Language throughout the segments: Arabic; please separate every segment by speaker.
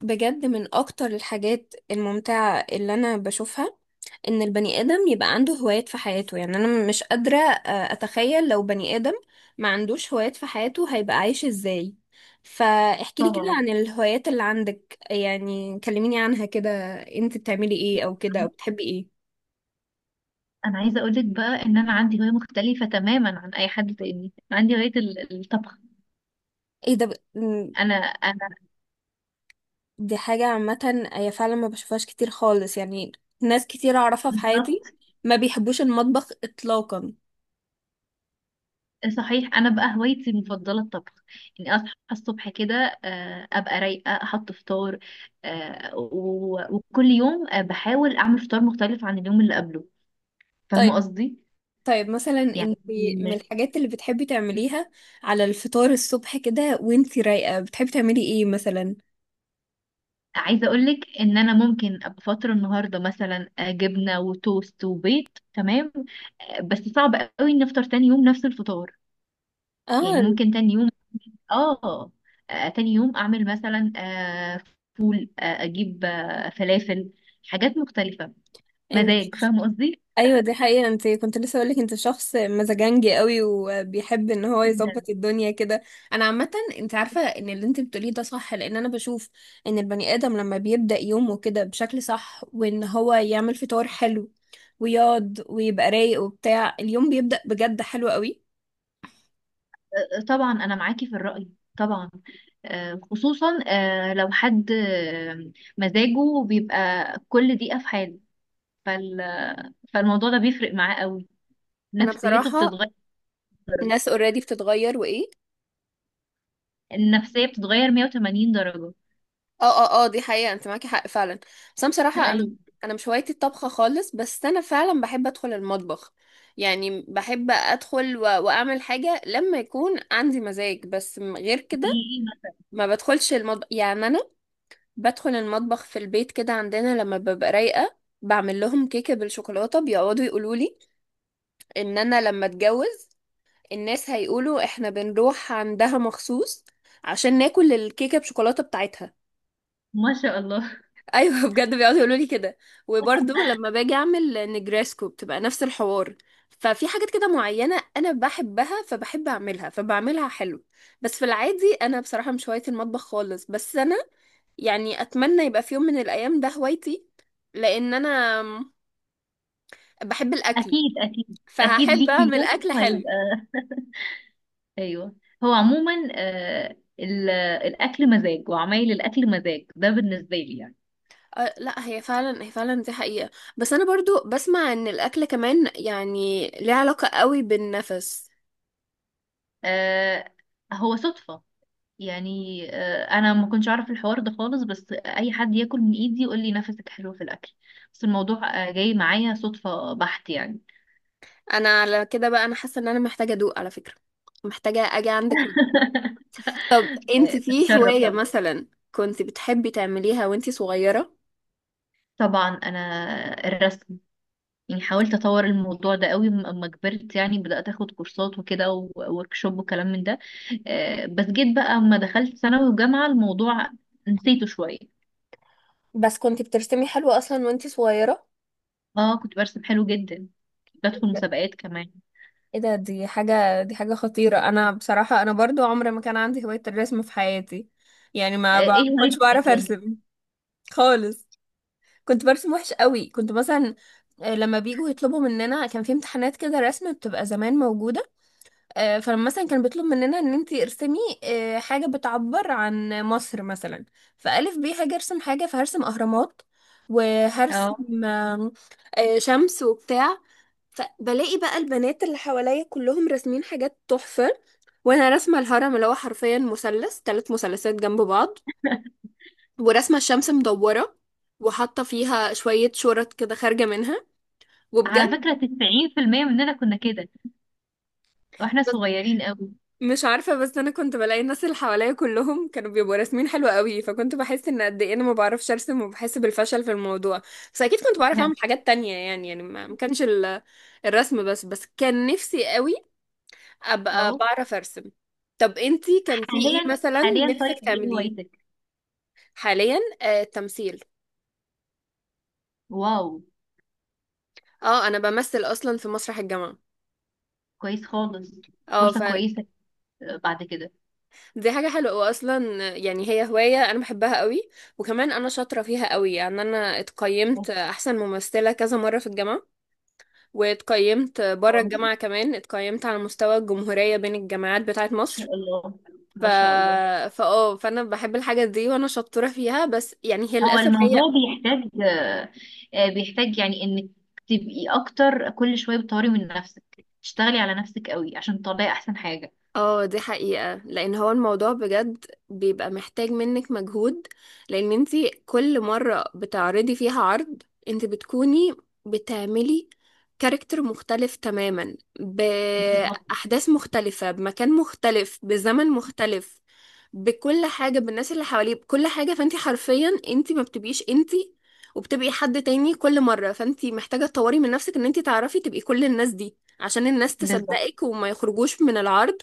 Speaker 1: بجد من اكتر الحاجات الممتعة اللي انا بشوفها ان البني ادم يبقى عنده هوايات في حياته. يعني انا مش قادرة اتخيل لو بني ادم ما عندوش هوايات في حياته هيبقى عايش ازاي؟ فاحكي لي كده
Speaker 2: طبعا.
Speaker 1: عن الهوايات اللي عندك، يعني كلميني عنها كده، انت بتعملي ايه او كده او بتحبي ايه؟
Speaker 2: انا عايزه اقولك بقى ان انا عندي هوايه مختلفه تماما عن اي حد تاني. عندي هوايه الطبخ.
Speaker 1: ايه ده م-
Speaker 2: انا
Speaker 1: دي حاجة عامة، هي فعلا ما بشوفهاش كتير خالص يعني. ناس كتير اعرفها في حياتي
Speaker 2: بالظبط.
Speaker 1: ما بيحبوش المطبخ اطلاقا.
Speaker 2: صحيح، انا بقى هوايتي المفضله الطبخ. يعني اصحى الصبح كده، ابقى رايقه احط فطار. وكل يوم بحاول اعمل فطار مختلف عن اليوم اللي قبله. فاهمه
Speaker 1: طيب،
Speaker 2: قصدي؟
Speaker 1: طيب مثلا
Speaker 2: يعني
Speaker 1: انت من الحاجات اللي بتحبي تعمليها على الفطار الصبح كده وانت رايقة بتحبي تعملي ايه مثلا؟
Speaker 2: عايزه اقولك ان انا ممكن ابقى فاطره النهارده مثلا جبنه وتوست وبيض. تمام. بس صعب قوي ان افطر تاني يوم نفس الفطار. يعني
Speaker 1: اه
Speaker 2: ممكن تاني يوم، اه، تاني يوم اعمل مثلا فول، اجيب فلافل. حاجات مختلفه،
Speaker 1: انت
Speaker 2: مزاج. فاهمه قصدي؟
Speaker 1: ايوه دي حقيقة، انت كنت لسه اقولك انت شخص مزاجنجي قوي وبيحب ان هو
Speaker 2: جدا.
Speaker 1: يظبط الدنيا كده. انا عامة، انت عارفة ان اللي انت بتقوليه ده صح لان انا بشوف ان البني ادم لما بيبدأ يومه كده بشكل صح وان هو يعمل فطار حلو ويقعد ويبقى رايق وبتاع اليوم بيبدأ بجد حلو قوي.
Speaker 2: طبعا انا معاكي في الرأي. طبعا خصوصا لو حد مزاجه بيبقى كل دقيقه في حاله. فال- فالموضوع ده بيفرق معاه قوي.
Speaker 1: انا
Speaker 2: نفسيته
Speaker 1: بصراحة،
Speaker 2: بتتغير درجة.
Speaker 1: ناس اوريدي بتتغير وايه؟
Speaker 2: النفسية بتتغير 180 درجة.
Speaker 1: اه، اه، اه، دي حقيقة، انت معاكي حق فعلا. بس انا بصراحة انا
Speaker 2: ايوه،
Speaker 1: انا مش هوايتي الطبخة خالص، بس انا فعلا بحب ادخل المطبخ. يعني بحب ادخل واعمل حاجة لما يكون عندي مزاج، بس غير كده
Speaker 2: حقيقي.
Speaker 1: ما بدخلش المطبخ. يعني انا بدخل المطبخ في البيت كده عندنا لما ببقى رايقة، بعمل لهم كيكة بالشوكولاتة، بيقعدوا يقولوا لي ان انا لما اتجوز الناس هيقولوا احنا بنروح عندها مخصوص عشان ناكل الكيكة بشوكولاتة بتاعتها.
Speaker 2: ما شاء الله.
Speaker 1: ايوه بجد بيقعدوا يقولوا لي كده. وبرضه لما باجي اعمل نجريسكو بتبقى نفس الحوار. ففي حاجات كده معينه انا بحبها فبحب اعملها فبعملها حلو. بس في العادي انا بصراحه مش هوايه المطبخ خالص، بس انا يعني اتمنى يبقى في يوم من الايام ده هوايتي، لان انا بحب الاكل،
Speaker 2: اكيد اكيد اكيد
Speaker 1: فهحب
Speaker 2: ليك في
Speaker 1: اعمل
Speaker 2: يوم
Speaker 1: اكل حلو.
Speaker 2: هيبقى. ايوه. هو عموما الاكل مزاج، وعمايل الاكل مزاج ده بالنسبة لي. يعني
Speaker 1: أه لا، هي فعلا هي فعلا دي حقيقه. بس انا برضو بسمع ان الاكل كمان يعني ليه علاقه قوي بالنفس.
Speaker 2: آه هو صدفة، يعني انا ما كنتش اعرف الحوار ده خالص، بس اي حد ياكل من ايدي يقول لي نفسك حلو في الاكل. بس الموضوع جاي معايا صدفة بحت يعني.
Speaker 1: انا على كده بقى انا حاسه ان انا محتاجه ادوق على فكره، محتاجه اجي عندك وأدوق. طب انت في
Speaker 2: بتشرف
Speaker 1: هوايه
Speaker 2: طبعا.
Speaker 1: مثلا كنت بتحبي تعمليها وانت صغيره؟
Speaker 2: طبعا انا الرسم. يعني حاولت اطور الموضوع ده قوي اما كبرت، يعني بدات اخد كورسات وكده ووركشوب وكلام من ده. بس جيت بقى اما دخلت ثانوي وجامعه الموضوع نسيته شويه.
Speaker 1: بس كنت بترسمي حلو اصلا وانتي صغيرة.
Speaker 2: اه، كنت برسم حلو جدا. بدخل مسابقات كمان.
Speaker 1: ايه ده، دي حاجة خطيرة. انا بصراحة انا برضو عمري ما كان عندي هواية الرسم في حياتي. يعني ما ما
Speaker 2: ايه
Speaker 1: كنتش
Speaker 2: هوايتك
Speaker 1: بعرف
Speaker 2: اصلا؟
Speaker 1: ارسم خالص. كنت برسم وحش قوي، كنت مثلا لما بيجوا يطلبوا مننا كان في امتحانات كده رسم بتبقى زمان موجودة. فلما مثلا كان بيطلب مننا ان انتي ارسمي حاجة بتعبر عن مصر مثلا، فألف بيه هاجي ارسم حاجة فهرسم اهرامات
Speaker 2: اه.
Speaker 1: وهرسم آه، شمس وبتاع. فبلاقي بقى البنات اللي حواليا كلهم راسمين حاجات تحفة، وانا راسمة الهرم اللي هو حرفيا مثلث، ثلاث مثلثات جنب بعض، وراسمة الشمس مدورة وحاطة فيها شوية شورت كده خارجة منها،
Speaker 2: على
Speaker 1: وبجد
Speaker 2: فكره 90% مننا كنا كده واحنا صغيرين قوي.
Speaker 1: مش عارفة. بس أنا كنت بلاقي الناس اللي حواليا كلهم كانوا بيبقوا راسمين حلو قوي، فكنت بحس إن قد إيه أنا ما بعرفش أرسم وبحس بالفشل في الموضوع. بس أكيد كنت بعرف أعمل حاجات تانية، يعني ما كانش الرسم بس كان نفسي قوي أبقى
Speaker 2: اه.
Speaker 1: بعرف أرسم. طب أنتي كان في إيه
Speaker 2: حاليا.
Speaker 1: مثلا
Speaker 2: حاليا
Speaker 1: نفسك
Speaker 2: طيب ايه
Speaker 1: تعمليه
Speaker 2: هوايتك؟
Speaker 1: حاليا؟ التمثيل.
Speaker 2: واو.
Speaker 1: اه أنا بمثل أصلا في مسرح الجامعة.
Speaker 2: كويس خالص.
Speaker 1: اه
Speaker 2: فرصه كويسه بعد كده.
Speaker 1: دي حاجة حلوة وأصلا يعني هي هواية أنا بحبها قوي، وكمان أنا شاطرة فيها قوي. يعني أنا اتقيمت أحسن ممثلة كذا مرة في الجامعة، واتقيمت بره الجامعة كمان، اتقيمت على مستوى الجمهورية بين الجامعات بتاعة مصر.
Speaker 2: شاء الله،
Speaker 1: ف
Speaker 2: ما شاء الله.
Speaker 1: فاه فأنا بحب الحاجة دي وأنا شاطرة فيها، بس يعني هي
Speaker 2: هو
Speaker 1: للأسف
Speaker 2: الموضوع
Speaker 1: هي.
Speaker 2: بيحتاج، بيحتاج، يعني انك تبقي اكتر كل شويه بتطوري من نفسك، تشتغلي على نفسك قوي عشان تطلعي احسن حاجه.
Speaker 1: اه دي حقيقة، لان هو الموضوع بجد بيبقى محتاج منك مجهود. لان انتي كل مرة بتعرضي فيها عرض انتي بتكوني بتعملي كاركتر مختلف تماما
Speaker 2: بالظبط.
Speaker 1: بأحداث مختلفة بمكان مختلف بزمن مختلف بكل حاجة، بالناس اللي حواليه بكل حاجة. فانتي حرفيا انتي ما بتبقيش انتي وبتبقي حد تاني كل مرة، فانتي محتاجة تطوري من نفسك ان انتي تعرفي تبقي كل الناس دي عشان الناس
Speaker 2: بالظبط.
Speaker 1: تصدقك وما يخرجوش من العرض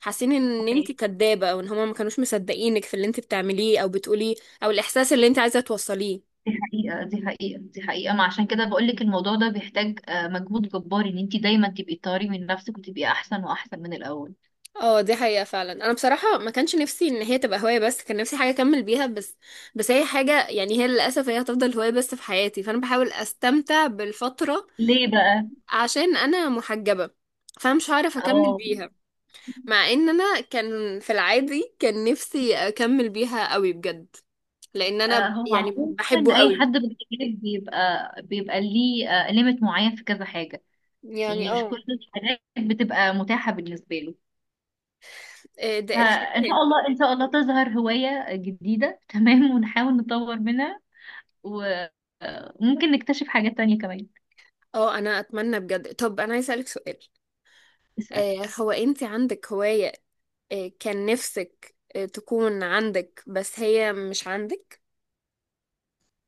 Speaker 1: حاسين ان انت
Speaker 2: صحيح.
Speaker 1: كدابة او ان هما ما كانوش مصدقينك في اللي انت بتعمليه او بتقوليه او الاحساس اللي انت عايزة توصليه.
Speaker 2: دي حقيقه، دي حقيقه، دي حقيقه. ما عشان كده بقول لك الموضوع ده بيحتاج مجهود جبار ان انت دايما تبقي تطوري من نفسك وتبقي احسن واحسن من الاول.
Speaker 1: اه دي حقيقة فعلا. انا بصراحة ما كانش نفسي ان هي تبقى هواية بس، كان نفسي حاجة اكمل بيها. بس بس هي حاجة يعني هي للاسف هي هتفضل هواية بس في حياتي، فانا بحاول استمتع بالفترة.
Speaker 2: ليه بقى؟
Speaker 1: عشان انا محجبة فمش هعرف اكمل
Speaker 2: اه.
Speaker 1: بيها. مع ان انا كان في العادي كان نفسي اكمل بيها قوي بجد، لان انا
Speaker 2: هو
Speaker 1: يعني
Speaker 2: عموما
Speaker 1: بحبه
Speaker 2: اي
Speaker 1: قوي.
Speaker 2: حد بيتكلم بيبقى ليه ليميت معين في كذا حاجه.
Speaker 1: يعني
Speaker 2: يعني مش
Speaker 1: اه
Speaker 2: كل الحاجات بتبقى متاحة بالنسبة له.
Speaker 1: ده
Speaker 2: فإن
Speaker 1: الحياة.
Speaker 2: شاء الله، إن شاء الله تظهر هواية جديدة. تمام، ونحاول نطور منها، وممكن نكتشف حاجات تانية كمان.
Speaker 1: اه انا اتمنى بجد. طب انا عايزه اسالك سؤال،
Speaker 2: اسأل.
Speaker 1: هو انت عندك هوايه كان نفسك تكون عندك بس هي مش عندك؟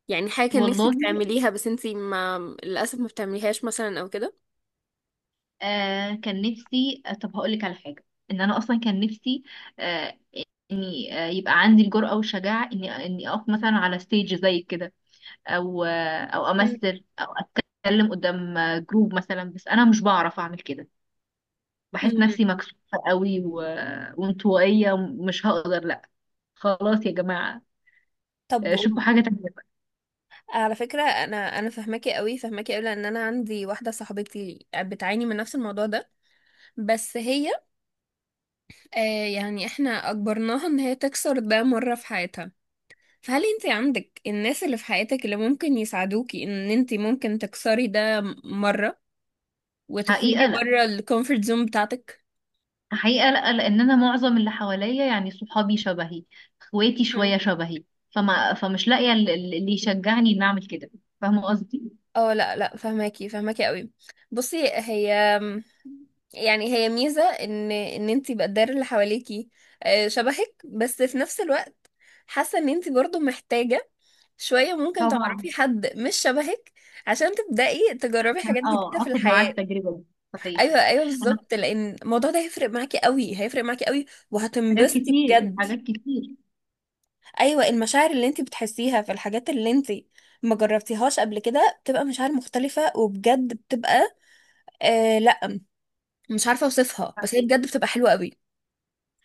Speaker 1: يعني حاجه كان
Speaker 2: والله،
Speaker 1: نفسك تعمليها بس انت ما للاسف ما بتعمليهاش مثلا او كده.
Speaker 2: كان نفسي، طب هقولك على حاجة. إن أنا أصلا كان نفسي آه إني، يبقى عندي الجرأة والشجاعة إني أقف مثلا على ستيج زي كده، أو أو
Speaker 1: مم.
Speaker 2: أمثل، أو أتكلم قدام جروب مثلا. بس أنا مش بعرف أعمل كده. بحس
Speaker 1: مم.
Speaker 2: نفسي مكسوفة قوي، و... وانطوائية. مش هقدر، لا، خلاص يا جماعة،
Speaker 1: طب
Speaker 2: شوفوا حاجة تانية بقى.
Speaker 1: على فكرة أنا فهماكي قوي فهماكي قوي لأن أنا عندي واحدة صاحبتي بتعاني من نفس الموضوع ده. بس هي آه يعني إحنا أجبرناها إن هي تكسر ده مرة في حياتها. هل انت عندك الناس اللي في حياتك اللي ممكن يساعدوكي ان انت ممكن تكسري ده مرة
Speaker 2: حقيقة
Speaker 1: وتخرجي
Speaker 2: لا.
Speaker 1: بره الكومفورت زون بتاعتك؟
Speaker 2: حقيقة لا، لأن أنا معظم اللي حواليا يعني صحابي شبهي، اخواتي شوية
Speaker 1: هم.
Speaker 2: شبهي. فمش لاقية اللي يشجعني إني أعمل كده. فاهمة قصدي؟
Speaker 1: اه لا لا، فهماكي فهماكي قوي. بصي هي يعني هي ميزة ان انتي بقدر اللي حواليكي شبهك، بس في نفس الوقت حاسة ان انتي برضو محتاجة شوية ممكن
Speaker 2: طبعا.
Speaker 1: تعرفي حد مش شبهك عشان تبدأي تجربي حاجات
Speaker 2: اه،
Speaker 1: جديدة في
Speaker 2: اخد معاه
Speaker 1: الحياة.
Speaker 2: التجربة دي. صحيح.
Speaker 1: ايوه ايوه
Speaker 2: انا
Speaker 1: بالظبط، لان الموضوع ده هيفرق معاكي قوي هيفرق معاكي قوي
Speaker 2: حاجات
Speaker 1: وهتنبسطي
Speaker 2: كتير،
Speaker 1: بجد.
Speaker 2: حاجات كتير.
Speaker 1: ايوه المشاعر اللي انت بتحسيها في الحاجات اللي انت ما جربتيهاش قبل كده بتبقى مشاعر مختلفة، وبجد بتبقى لا مش عارفة اوصفها بس هي بجد بتبقى حلوة قوي.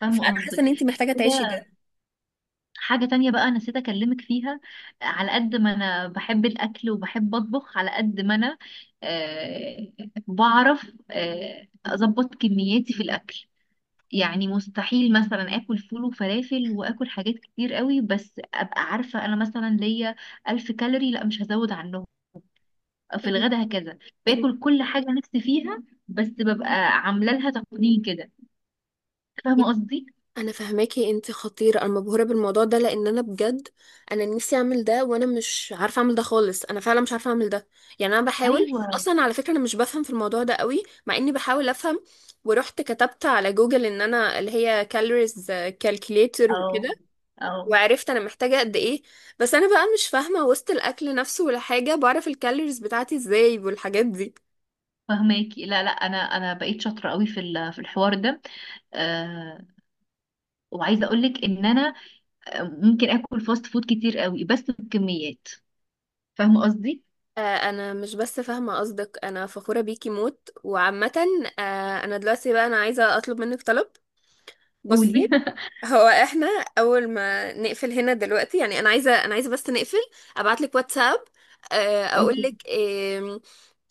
Speaker 2: فاهمة
Speaker 1: فانا حاسة
Speaker 2: قصدك.
Speaker 1: ان انت محتاجة تعيشي
Speaker 2: كده
Speaker 1: ده.
Speaker 2: حاجة تانية بقى أنا نسيت أكلمك فيها. على قد ما أنا بحب الأكل وبحب أطبخ، على قد ما أنا آه، بعرف أظبط كمياتي في الأكل. يعني مستحيل مثلا آكل فول وفلافل وآكل حاجات كتير قوي، بس أبقى عارفة أنا مثلا ليا ألف كالوري، لا مش هزود عنهم في
Speaker 1: أيوة،
Speaker 2: الغدا هكذا.
Speaker 1: أيوة.
Speaker 2: باكل كل حاجة نفسي فيها، بس ببقى عاملة لها تقنين كده. فاهمة قصدي؟
Speaker 1: انا فاهماكي، انت خطيره، انا مبهوره بالموضوع ده لان انا بجد انا نفسي اعمل ده وانا مش عارفه اعمل ده خالص، انا فعلا مش عارفه اعمل ده. يعني انا بحاول
Speaker 2: ايوه.
Speaker 1: اصلا، على فكره انا مش بفهم في الموضوع ده قوي مع اني بحاول افهم. ورحت كتبت على جوجل ان انا اللي هي كالوريز كالكوليتر وكده،
Speaker 2: أو أو
Speaker 1: وعرفت انا محتاجه قد ايه. بس انا بقى مش فاهمه وسط الاكل نفسه، ولا حاجه بعرف الكالوريز بتاعتي ازاي والحاجات دي.
Speaker 2: فهماكي. لا لا، انا بقيت شاطره قوي في الحوار ده، آه وعايزه اقول لك ان انا ممكن اكل فاست فود كتير قوي بس بكميات. فاهمه قصدي؟
Speaker 1: انا مش بس فاهمه قصدك، انا فخوره بيكي موت وعامه. انا دلوقتي بقى انا عايزه اطلب منك طلب. بصي،
Speaker 2: قولي.
Speaker 1: هو احنا اول ما نقفل هنا دلوقتي، يعني انا عايزه انا عايزه بس نقفل ابعت لك واتساب اقول
Speaker 2: اوكي.
Speaker 1: لك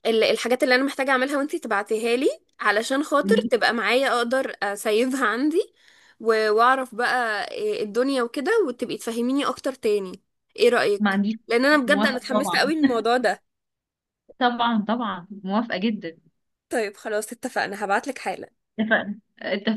Speaker 1: الحاجات اللي انا محتاجه اعملها وانتي تبعتيها لي علشان خاطر
Speaker 2: قولي.
Speaker 1: تبقى معايا اقدر اسيفها عندي. واعرف بقى الدنيا وكده وتبقي تفهميني اكتر تاني. ايه
Speaker 2: ما
Speaker 1: رايك؟
Speaker 2: عنديش.
Speaker 1: لان انا بجد انا
Speaker 2: موافقه
Speaker 1: اتحمست
Speaker 2: طبعا.
Speaker 1: قوي للموضوع ده.
Speaker 2: طبعا طبعا موافقه جدا.
Speaker 1: طيب خلاص اتفقنا هبعتلك حالا.
Speaker 2: اتفقنا، اتفقنا.